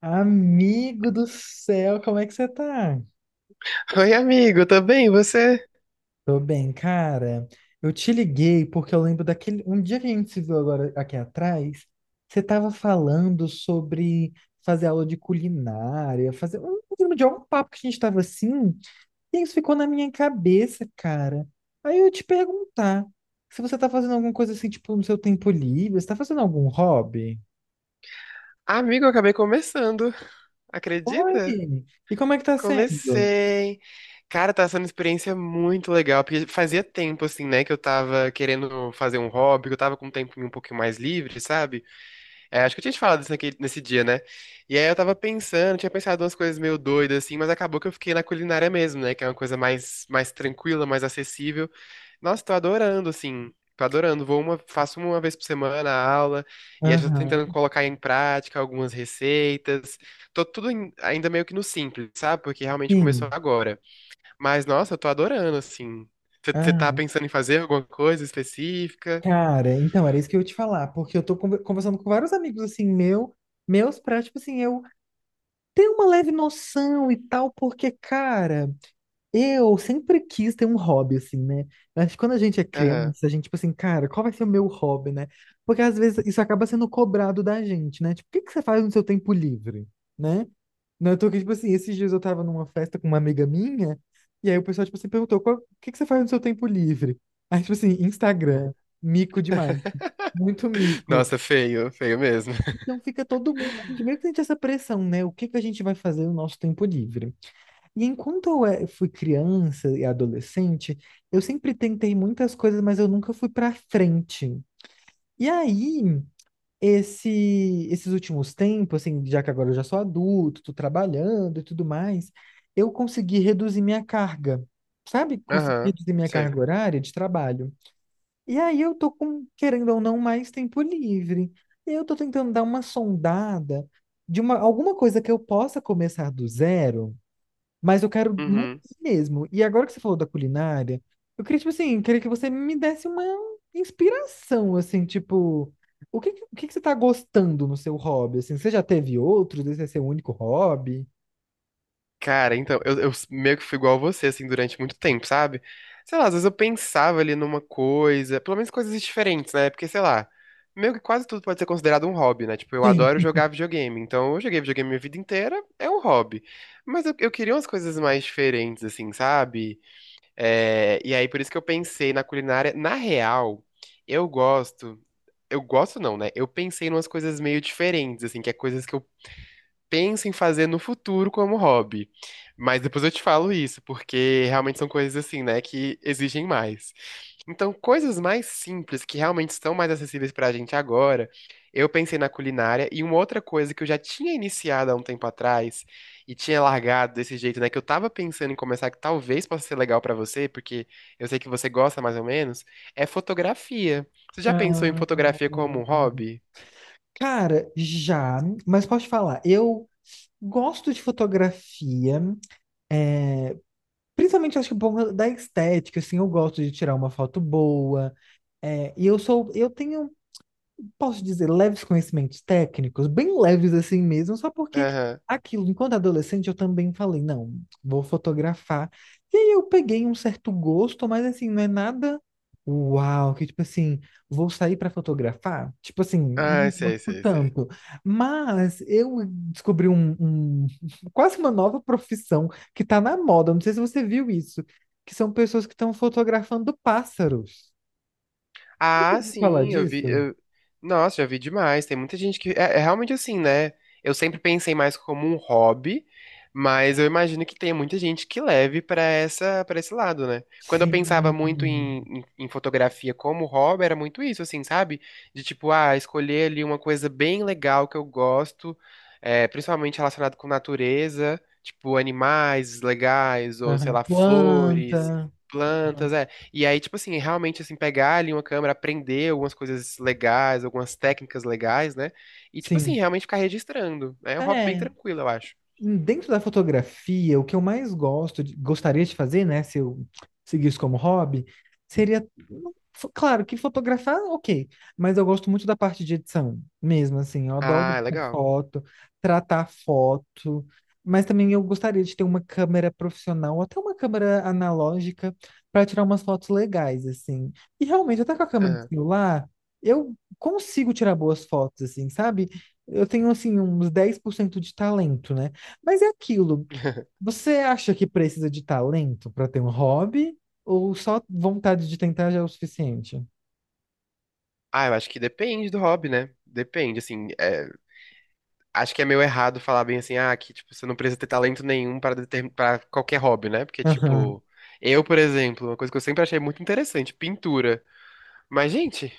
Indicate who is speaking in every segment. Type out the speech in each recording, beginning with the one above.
Speaker 1: Amigo do céu, como é que você tá?
Speaker 2: Oi, amigo, tudo bem? Você?
Speaker 1: Tô bem, cara. Eu te liguei porque eu lembro daquele. Um dia que a gente se viu agora aqui atrás, você tava falando sobre fazer aula de culinária, fazer. Eu lembro de algum papo que a gente tava assim, e isso ficou na minha cabeça, cara. Aí eu ia te perguntar se você tá fazendo alguma coisa assim, tipo, no seu tempo livre, você tá fazendo algum hobby?
Speaker 2: Amigo, eu acabei começando.
Speaker 1: Oi!
Speaker 2: Acredita?
Speaker 1: E como é que tá sendo?
Speaker 2: Comecei. Cara, tá sendo uma experiência muito legal, porque fazia tempo, assim, né, que eu tava querendo fazer um hobby, que eu tava com um tempinho um pouquinho mais livre, sabe? É, acho que eu tinha te falado isso nesse dia, né? E aí eu tava pensando, tinha pensado umas coisas meio doidas, assim, mas acabou que eu fiquei na culinária mesmo, né, que é uma coisa mais tranquila, mais acessível. Nossa, tô adorando, assim. Tô adorando. Faço uma vez por semana a aula, e aí já tô
Speaker 1: Aham,
Speaker 2: tentando colocar em prática algumas receitas. Ainda meio que no simples, sabe? Porque realmente começou
Speaker 1: sim.
Speaker 2: agora. Mas, nossa, eu tô adorando, assim. Você tá
Speaker 1: Ah.
Speaker 2: pensando em fazer alguma coisa específica?
Speaker 1: Cara, então era isso que eu ia te falar, porque eu tô conversando com vários amigos assim, meu, meus pra, tipo assim, eu tenho uma leve noção e tal, porque, cara, eu sempre quis ter um hobby, assim, né? Acho que quando a gente é
Speaker 2: Aham.
Speaker 1: criança, a gente, tipo assim, cara, qual vai ser o meu hobby, né? Porque às vezes isso acaba sendo cobrado da gente, né? Tipo, o que que você faz no seu tempo livre, né? Não, eu tô aqui, tipo assim, esses dias eu tava numa festa com uma amiga minha, e aí o pessoal, tipo assim, perguntou, "Qual- o que que você faz no seu tempo livre? Aí, tipo assim, Instagram, mico demais, muito mico."
Speaker 2: Nossa, feio, feio mesmo.
Speaker 1: Então fica todo mundo, a gente meio que sente essa pressão, né? O que que a gente vai fazer no nosso tempo livre? E enquanto eu fui criança e adolescente, eu sempre tentei muitas coisas, mas eu nunca fui pra frente. E aí, esse, esses últimos tempos, assim, já que agora eu já sou adulto, tô trabalhando e tudo mais, eu consegui reduzir minha carga, sabe? Consegui
Speaker 2: Aham,
Speaker 1: reduzir minha
Speaker 2: sei.
Speaker 1: carga horária de trabalho. E aí eu tô com, querendo ou não, mais tempo livre. E eu tô tentando dar uma sondada de uma, alguma coisa que eu possa começar do zero, mas eu quero manter
Speaker 2: Uhum.
Speaker 1: mesmo. E agora que você falou da culinária, eu queria, tipo assim, queria que você me desse uma inspiração, assim, tipo, o que que você tá gostando no seu hobby? Assim, você já teve outros? Esse é seu único hobby?
Speaker 2: Cara, então, eu meio que fui igual a você, assim, durante muito tempo, sabe? Sei lá, às vezes eu pensava ali numa coisa, pelo menos coisas diferentes, né? Porque, sei lá, meio que quase tudo pode ser considerado um hobby, né? Tipo, eu
Speaker 1: Sim.
Speaker 2: adoro jogar videogame, então eu joguei videogame minha vida inteira, é um hobby. Mas eu queria umas coisas mais diferentes, assim, sabe? É, e aí, por isso que eu pensei na culinária. Na real, eu gosto. Eu gosto não, né? Eu pensei em umas coisas meio diferentes, assim, que é coisas que eu penso em fazer no futuro como hobby. Mas depois eu te falo isso, porque realmente são coisas assim, né, que exigem mais. Então, coisas mais simples, que realmente estão mais acessíveis pra gente agora, eu pensei na culinária e uma outra coisa que eu já tinha iniciado há um tempo atrás e tinha largado desse jeito, né, que eu tava pensando em começar, que talvez possa ser legal pra você, porque eu sei que você gosta mais ou menos, é fotografia. Você já pensou em
Speaker 1: Ah,
Speaker 2: fotografia como um hobby?
Speaker 1: cara, já, mas posso te falar, eu gosto de fotografia, principalmente acho que por conta da estética, assim, eu gosto de tirar uma foto boa. É, e eu tenho, posso dizer, leves conhecimentos técnicos, bem leves assim mesmo, só porque
Speaker 2: Aham.
Speaker 1: aquilo, enquanto adolescente, eu também falei, não, vou fotografar. E aí eu peguei um certo gosto, mas assim, não é nada uau, que tipo assim, vou sair para fotografar? Tipo assim,
Speaker 2: Ah,
Speaker 1: não
Speaker 2: sei,
Speaker 1: gosto
Speaker 2: sei, sei.
Speaker 1: tanto. Mas eu descobri quase uma nova profissão que tá na moda, não sei se você viu isso, que são pessoas que estão fotografando pássaros. Você
Speaker 2: Ah,
Speaker 1: ouviu falar
Speaker 2: sim, eu vi.
Speaker 1: disso?
Speaker 2: Nossa, já vi demais. Tem muita gente que. É, é realmente assim, né? Eu sempre pensei mais como um hobby, mas eu imagino que tem muita gente que leve pra para esse lado, né? Quando eu pensava
Speaker 1: Sim.
Speaker 2: muito em fotografia como hobby, era muito isso, assim, sabe? De tipo, ah, escolher ali uma coisa bem legal que eu gosto, é, principalmente relacionado com natureza, tipo animais legais, ou sei
Speaker 1: Aham.
Speaker 2: lá, flores,
Speaker 1: Planta.
Speaker 2: plantas.
Speaker 1: Aham.
Speaker 2: É. E aí, tipo assim, realmente assim, pegar ali uma câmera, aprender algumas coisas legais, algumas técnicas legais, né? E, tipo assim,
Speaker 1: Sim.
Speaker 2: realmente ficar registrando. É um hobby bem
Speaker 1: É,
Speaker 2: tranquilo, eu acho.
Speaker 1: dentro da fotografia, o que eu mais gosto, gostaria de fazer, né, se eu seguisse como hobby, seria, claro, que fotografar, ok, mas eu gosto muito da parte de edição, mesmo assim, eu adoro
Speaker 2: Ah, é
Speaker 1: editar
Speaker 2: legal.
Speaker 1: foto, tratar foto, mas também eu gostaria de ter uma câmera profissional, ou até uma câmera analógica, para tirar umas fotos legais, assim. E realmente, até com a câmera do
Speaker 2: Aham.
Speaker 1: celular, eu consigo tirar boas fotos, assim, sabe? Eu tenho, assim, uns 10% de talento, né? Mas é aquilo. Você acha que precisa de talento para ter um hobby? Ou só vontade de tentar já é o suficiente?
Speaker 2: Ah, eu acho que depende do hobby, né? Depende, assim, é, acho que é meio errado falar bem assim, ah, que, tipo, você não precisa ter talento nenhum para para qualquer hobby, né? Porque,
Speaker 1: Aham,
Speaker 2: tipo, eu, por exemplo, uma coisa que eu sempre achei muito interessante, pintura. Mas, gente,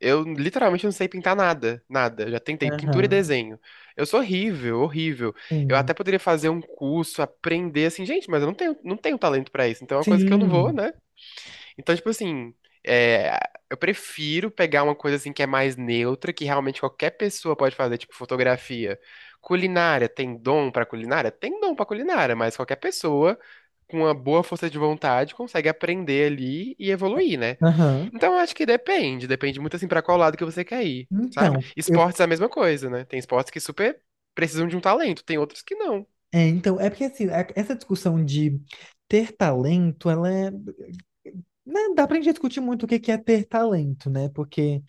Speaker 2: eu literalmente não sei pintar nada, nada. Já tentei pintura e
Speaker 1: aham,
Speaker 2: desenho. Eu sou horrível, horrível. Eu até
Speaker 1: sim.
Speaker 2: poderia fazer um curso, aprender assim, gente, mas eu não tenho talento pra isso. Então é uma coisa que eu não vou,
Speaker 1: Sim,
Speaker 2: né? Então, tipo assim, é, eu prefiro pegar uma coisa assim que é mais neutra, que realmente qualquer pessoa pode fazer, tipo fotografia. Culinária, tem dom pra culinária? Tem dom pra culinária, mas qualquer pessoa com uma boa força de vontade consegue aprender ali e evoluir, né?
Speaker 1: aham.
Speaker 2: Então, eu acho que depende. Depende muito, assim, pra qual lado que você quer ir, sabe?
Speaker 1: Então, eu,
Speaker 2: Esportes é a mesma coisa, né? Tem esportes que super precisam de um talento, tem outros que não.
Speaker 1: então, é porque assim, essa discussão de ter talento, ela é. Né, dá pra gente discutir muito o que que é ter talento, né? Porque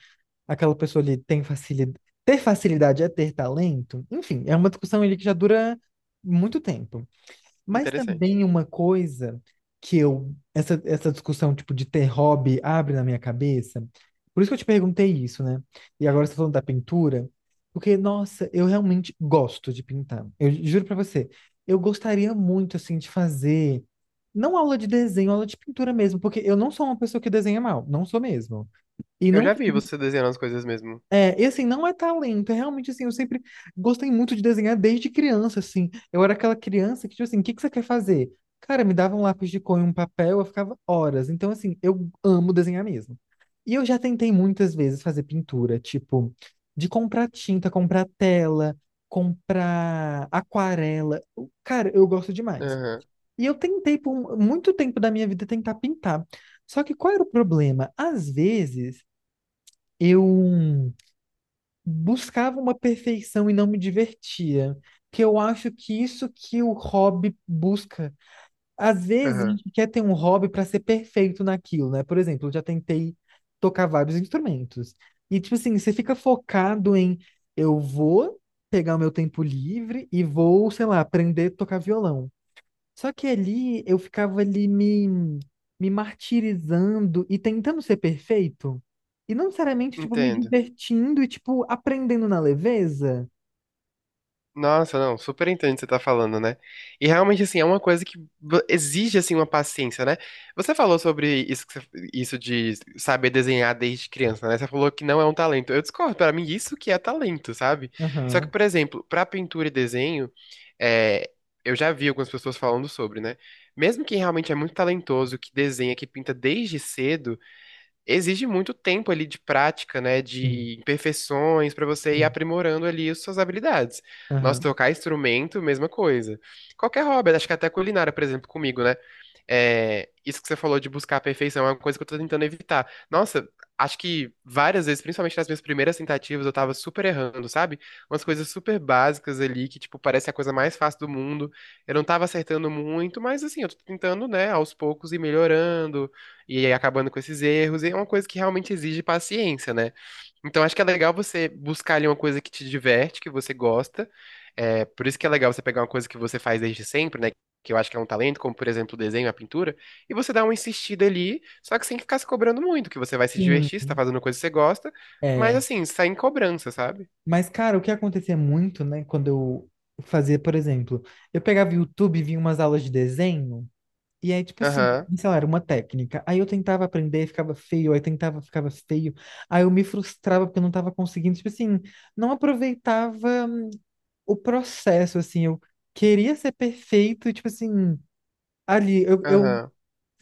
Speaker 1: aquela pessoa ali tem facilidade. Ter facilidade é ter talento? Enfim, é uma discussão ali que já dura muito tempo. Mas
Speaker 2: Interessante.
Speaker 1: também uma coisa que eu, essa discussão tipo de ter hobby abre na minha cabeça, por isso que eu te perguntei isso, né? E agora você tá falando da pintura, porque, nossa, eu realmente gosto de pintar. Eu juro pra você, eu gostaria muito, assim, de fazer, não aula de desenho, aula de pintura mesmo, porque eu não sou uma pessoa que desenha mal, não sou mesmo. E
Speaker 2: Eu
Speaker 1: não
Speaker 2: já vi você desenhando as coisas mesmo.
Speaker 1: é, e assim, não é talento, é realmente assim, eu sempre gostei muito de desenhar desde criança, assim. Eu era aquela criança que, tipo assim, o que que você quer fazer? Cara, me dava um lápis de cor e um papel, eu ficava horas. Então, assim, eu amo desenhar mesmo. E eu já tentei muitas vezes fazer pintura, tipo, de comprar tinta, comprar tela, comprar aquarela. Cara, eu gosto demais.
Speaker 2: Aham,
Speaker 1: E eu tentei por um, muito tempo da minha vida tentar pintar. Só que qual era o problema? Às vezes, eu buscava uma perfeição e não me divertia. Que eu acho que isso que o hobby busca. Às vezes a
Speaker 2: aham.
Speaker 1: gente quer ter um hobby para ser perfeito naquilo, né? Por exemplo, eu já tentei tocar vários instrumentos. E tipo assim, você fica focado em eu vou pegar o meu tempo livre e vou, sei lá, aprender a tocar violão. Só que ali eu ficava ali me martirizando e tentando ser perfeito. E não necessariamente, tipo, me
Speaker 2: Entendo.
Speaker 1: divertindo e, tipo, aprendendo na leveza.
Speaker 2: Nossa, não, super entendo o que você tá falando, né? E realmente, assim, é uma coisa que exige, assim, uma paciência, né? Você falou sobre isso, que isso de saber desenhar desde criança, né? Você falou que não é um talento. Eu discordo, pra mim, isso que é talento, sabe? Só que,
Speaker 1: Aham.
Speaker 2: por exemplo, pra pintura e desenho, é, eu já vi algumas pessoas falando sobre, né? Mesmo quem realmente é muito talentoso, que desenha, que pinta desde cedo exige muito tempo ali de prática, né,
Speaker 1: Sim.
Speaker 2: de imperfeições para você ir
Speaker 1: Sim.
Speaker 2: aprimorando ali as suas habilidades. Nossa,
Speaker 1: Aham.
Speaker 2: tocar instrumento, mesma coisa. Qualquer hobby, acho que até culinária, por exemplo, comigo, né? É, isso que você falou de buscar a perfeição é uma coisa que eu tô tentando evitar. Nossa, acho que várias vezes, principalmente nas minhas primeiras tentativas, eu tava super errando, sabe? Umas coisas super básicas ali que, tipo, parece a coisa mais fácil do mundo. Eu não tava acertando muito, mas assim, eu tô tentando, né, aos poucos ir melhorando e aí acabando com esses erros, e é uma coisa que realmente exige paciência, né? Então acho que é legal você buscar ali uma coisa que te diverte, que você gosta. É, por isso que é legal você pegar uma coisa que você faz desde sempre, né? Que eu acho que é um talento, como por exemplo o desenho, a pintura, e você dá uma insistida ali, só que sem ficar se cobrando muito, que você vai se
Speaker 1: Sim.
Speaker 2: divertir, você tá fazendo uma coisa que você gosta, mas
Speaker 1: É.
Speaker 2: assim, sem cobrança, sabe?
Speaker 1: Mas, cara, o que acontecia muito, né, quando eu fazia, por exemplo, eu pegava o YouTube e via umas aulas de desenho. E aí, tipo assim,
Speaker 2: Aham,
Speaker 1: sei lá, era uma técnica. Aí eu tentava aprender, ficava feio, aí tentava, ficava feio. Aí eu me frustrava porque eu não tava conseguindo, tipo assim, não aproveitava o processo, assim, eu queria ser perfeito, e, tipo assim, ali, eu
Speaker 2: aham,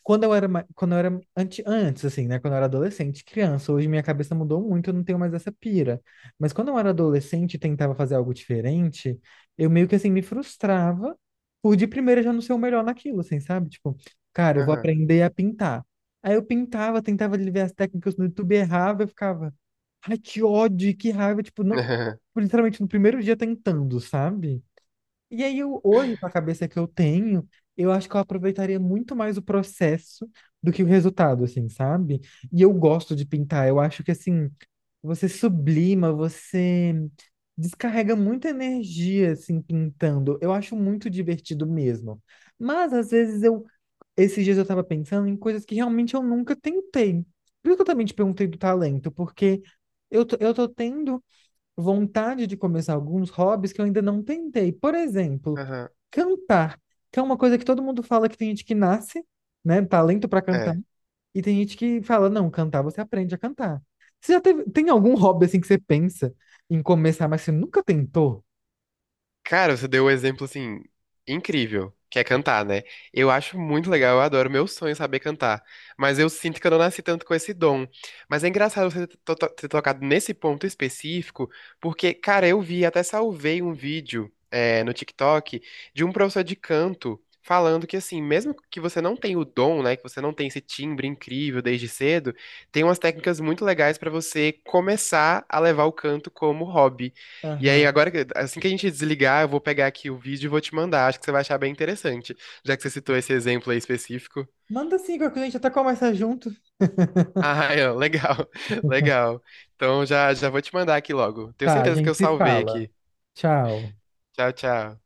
Speaker 1: quando eu era, quando eu era antes, assim, né? Quando eu era adolescente, criança, hoje minha cabeça mudou muito, eu não tenho mais essa pira. Mas quando eu era adolescente e tentava fazer algo diferente, eu meio que assim me frustrava por de primeira já não ser o melhor naquilo, assim, sabe? Tipo, cara, eu vou
Speaker 2: aham,
Speaker 1: aprender a pintar. Aí eu pintava, tentava ver as técnicas no YouTube, errava, eu ficava, ai, que ódio, que raiva, tipo, não,
Speaker 2: aham,
Speaker 1: literalmente no primeiro dia tentando, sabe? E aí, eu, hoje, com a cabeça que eu tenho, eu acho que eu aproveitaria muito mais o processo do que o resultado, assim, sabe? E eu gosto de pintar. Eu acho que, assim, você sublima, você descarrega muita energia, assim, pintando. Eu acho muito divertido mesmo. Mas, às vezes, eu... Esses dias eu tava pensando em coisas que realmente eu nunca tentei. Por isso que eu também te perguntei do talento, porque eu tô tendo vontade de começar alguns hobbies que eu ainda não tentei. Por exemplo,
Speaker 2: aham.
Speaker 1: cantar, que é uma coisa que todo mundo fala que tem gente que nasce, né, talento para cantar,
Speaker 2: É.
Speaker 1: e tem gente que fala, não, cantar você aprende a cantar. Você já teve, tem algum hobby assim que você pensa em começar, mas você nunca tentou?
Speaker 2: Cara, você deu um exemplo assim incrível, que é cantar, né? Eu acho muito legal, eu adoro, meu sonho é saber cantar, mas eu sinto que eu não nasci tanto com esse dom. Mas é engraçado você ter tocado nesse ponto específico, porque, cara, eu vi, até salvei um vídeo é, no TikTok de um professor de canto falando que assim, mesmo que você não tenha o dom, né, que você não tem esse timbre incrível desde cedo, tem umas técnicas muito legais pra você começar a levar o canto como hobby. E aí,
Speaker 1: Aham.
Speaker 2: agora, assim que a gente desligar, eu vou pegar aqui o vídeo e vou te mandar. Acho que você vai achar bem interessante, já que você citou esse exemplo aí específico.
Speaker 1: Manda sim, que a gente até começa junto.
Speaker 2: Ah, é, legal, legal. Então já vou te mandar aqui logo. Tenho
Speaker 1: Tá, a
Speaker 2: certeza que eu
Speaker 1: gente se
Speaker 2: salvei
Speaker 1: fala.
Speaker 2: aqui.
Speaker 1: Tchau.
Speaker 2: Tchau, tchau.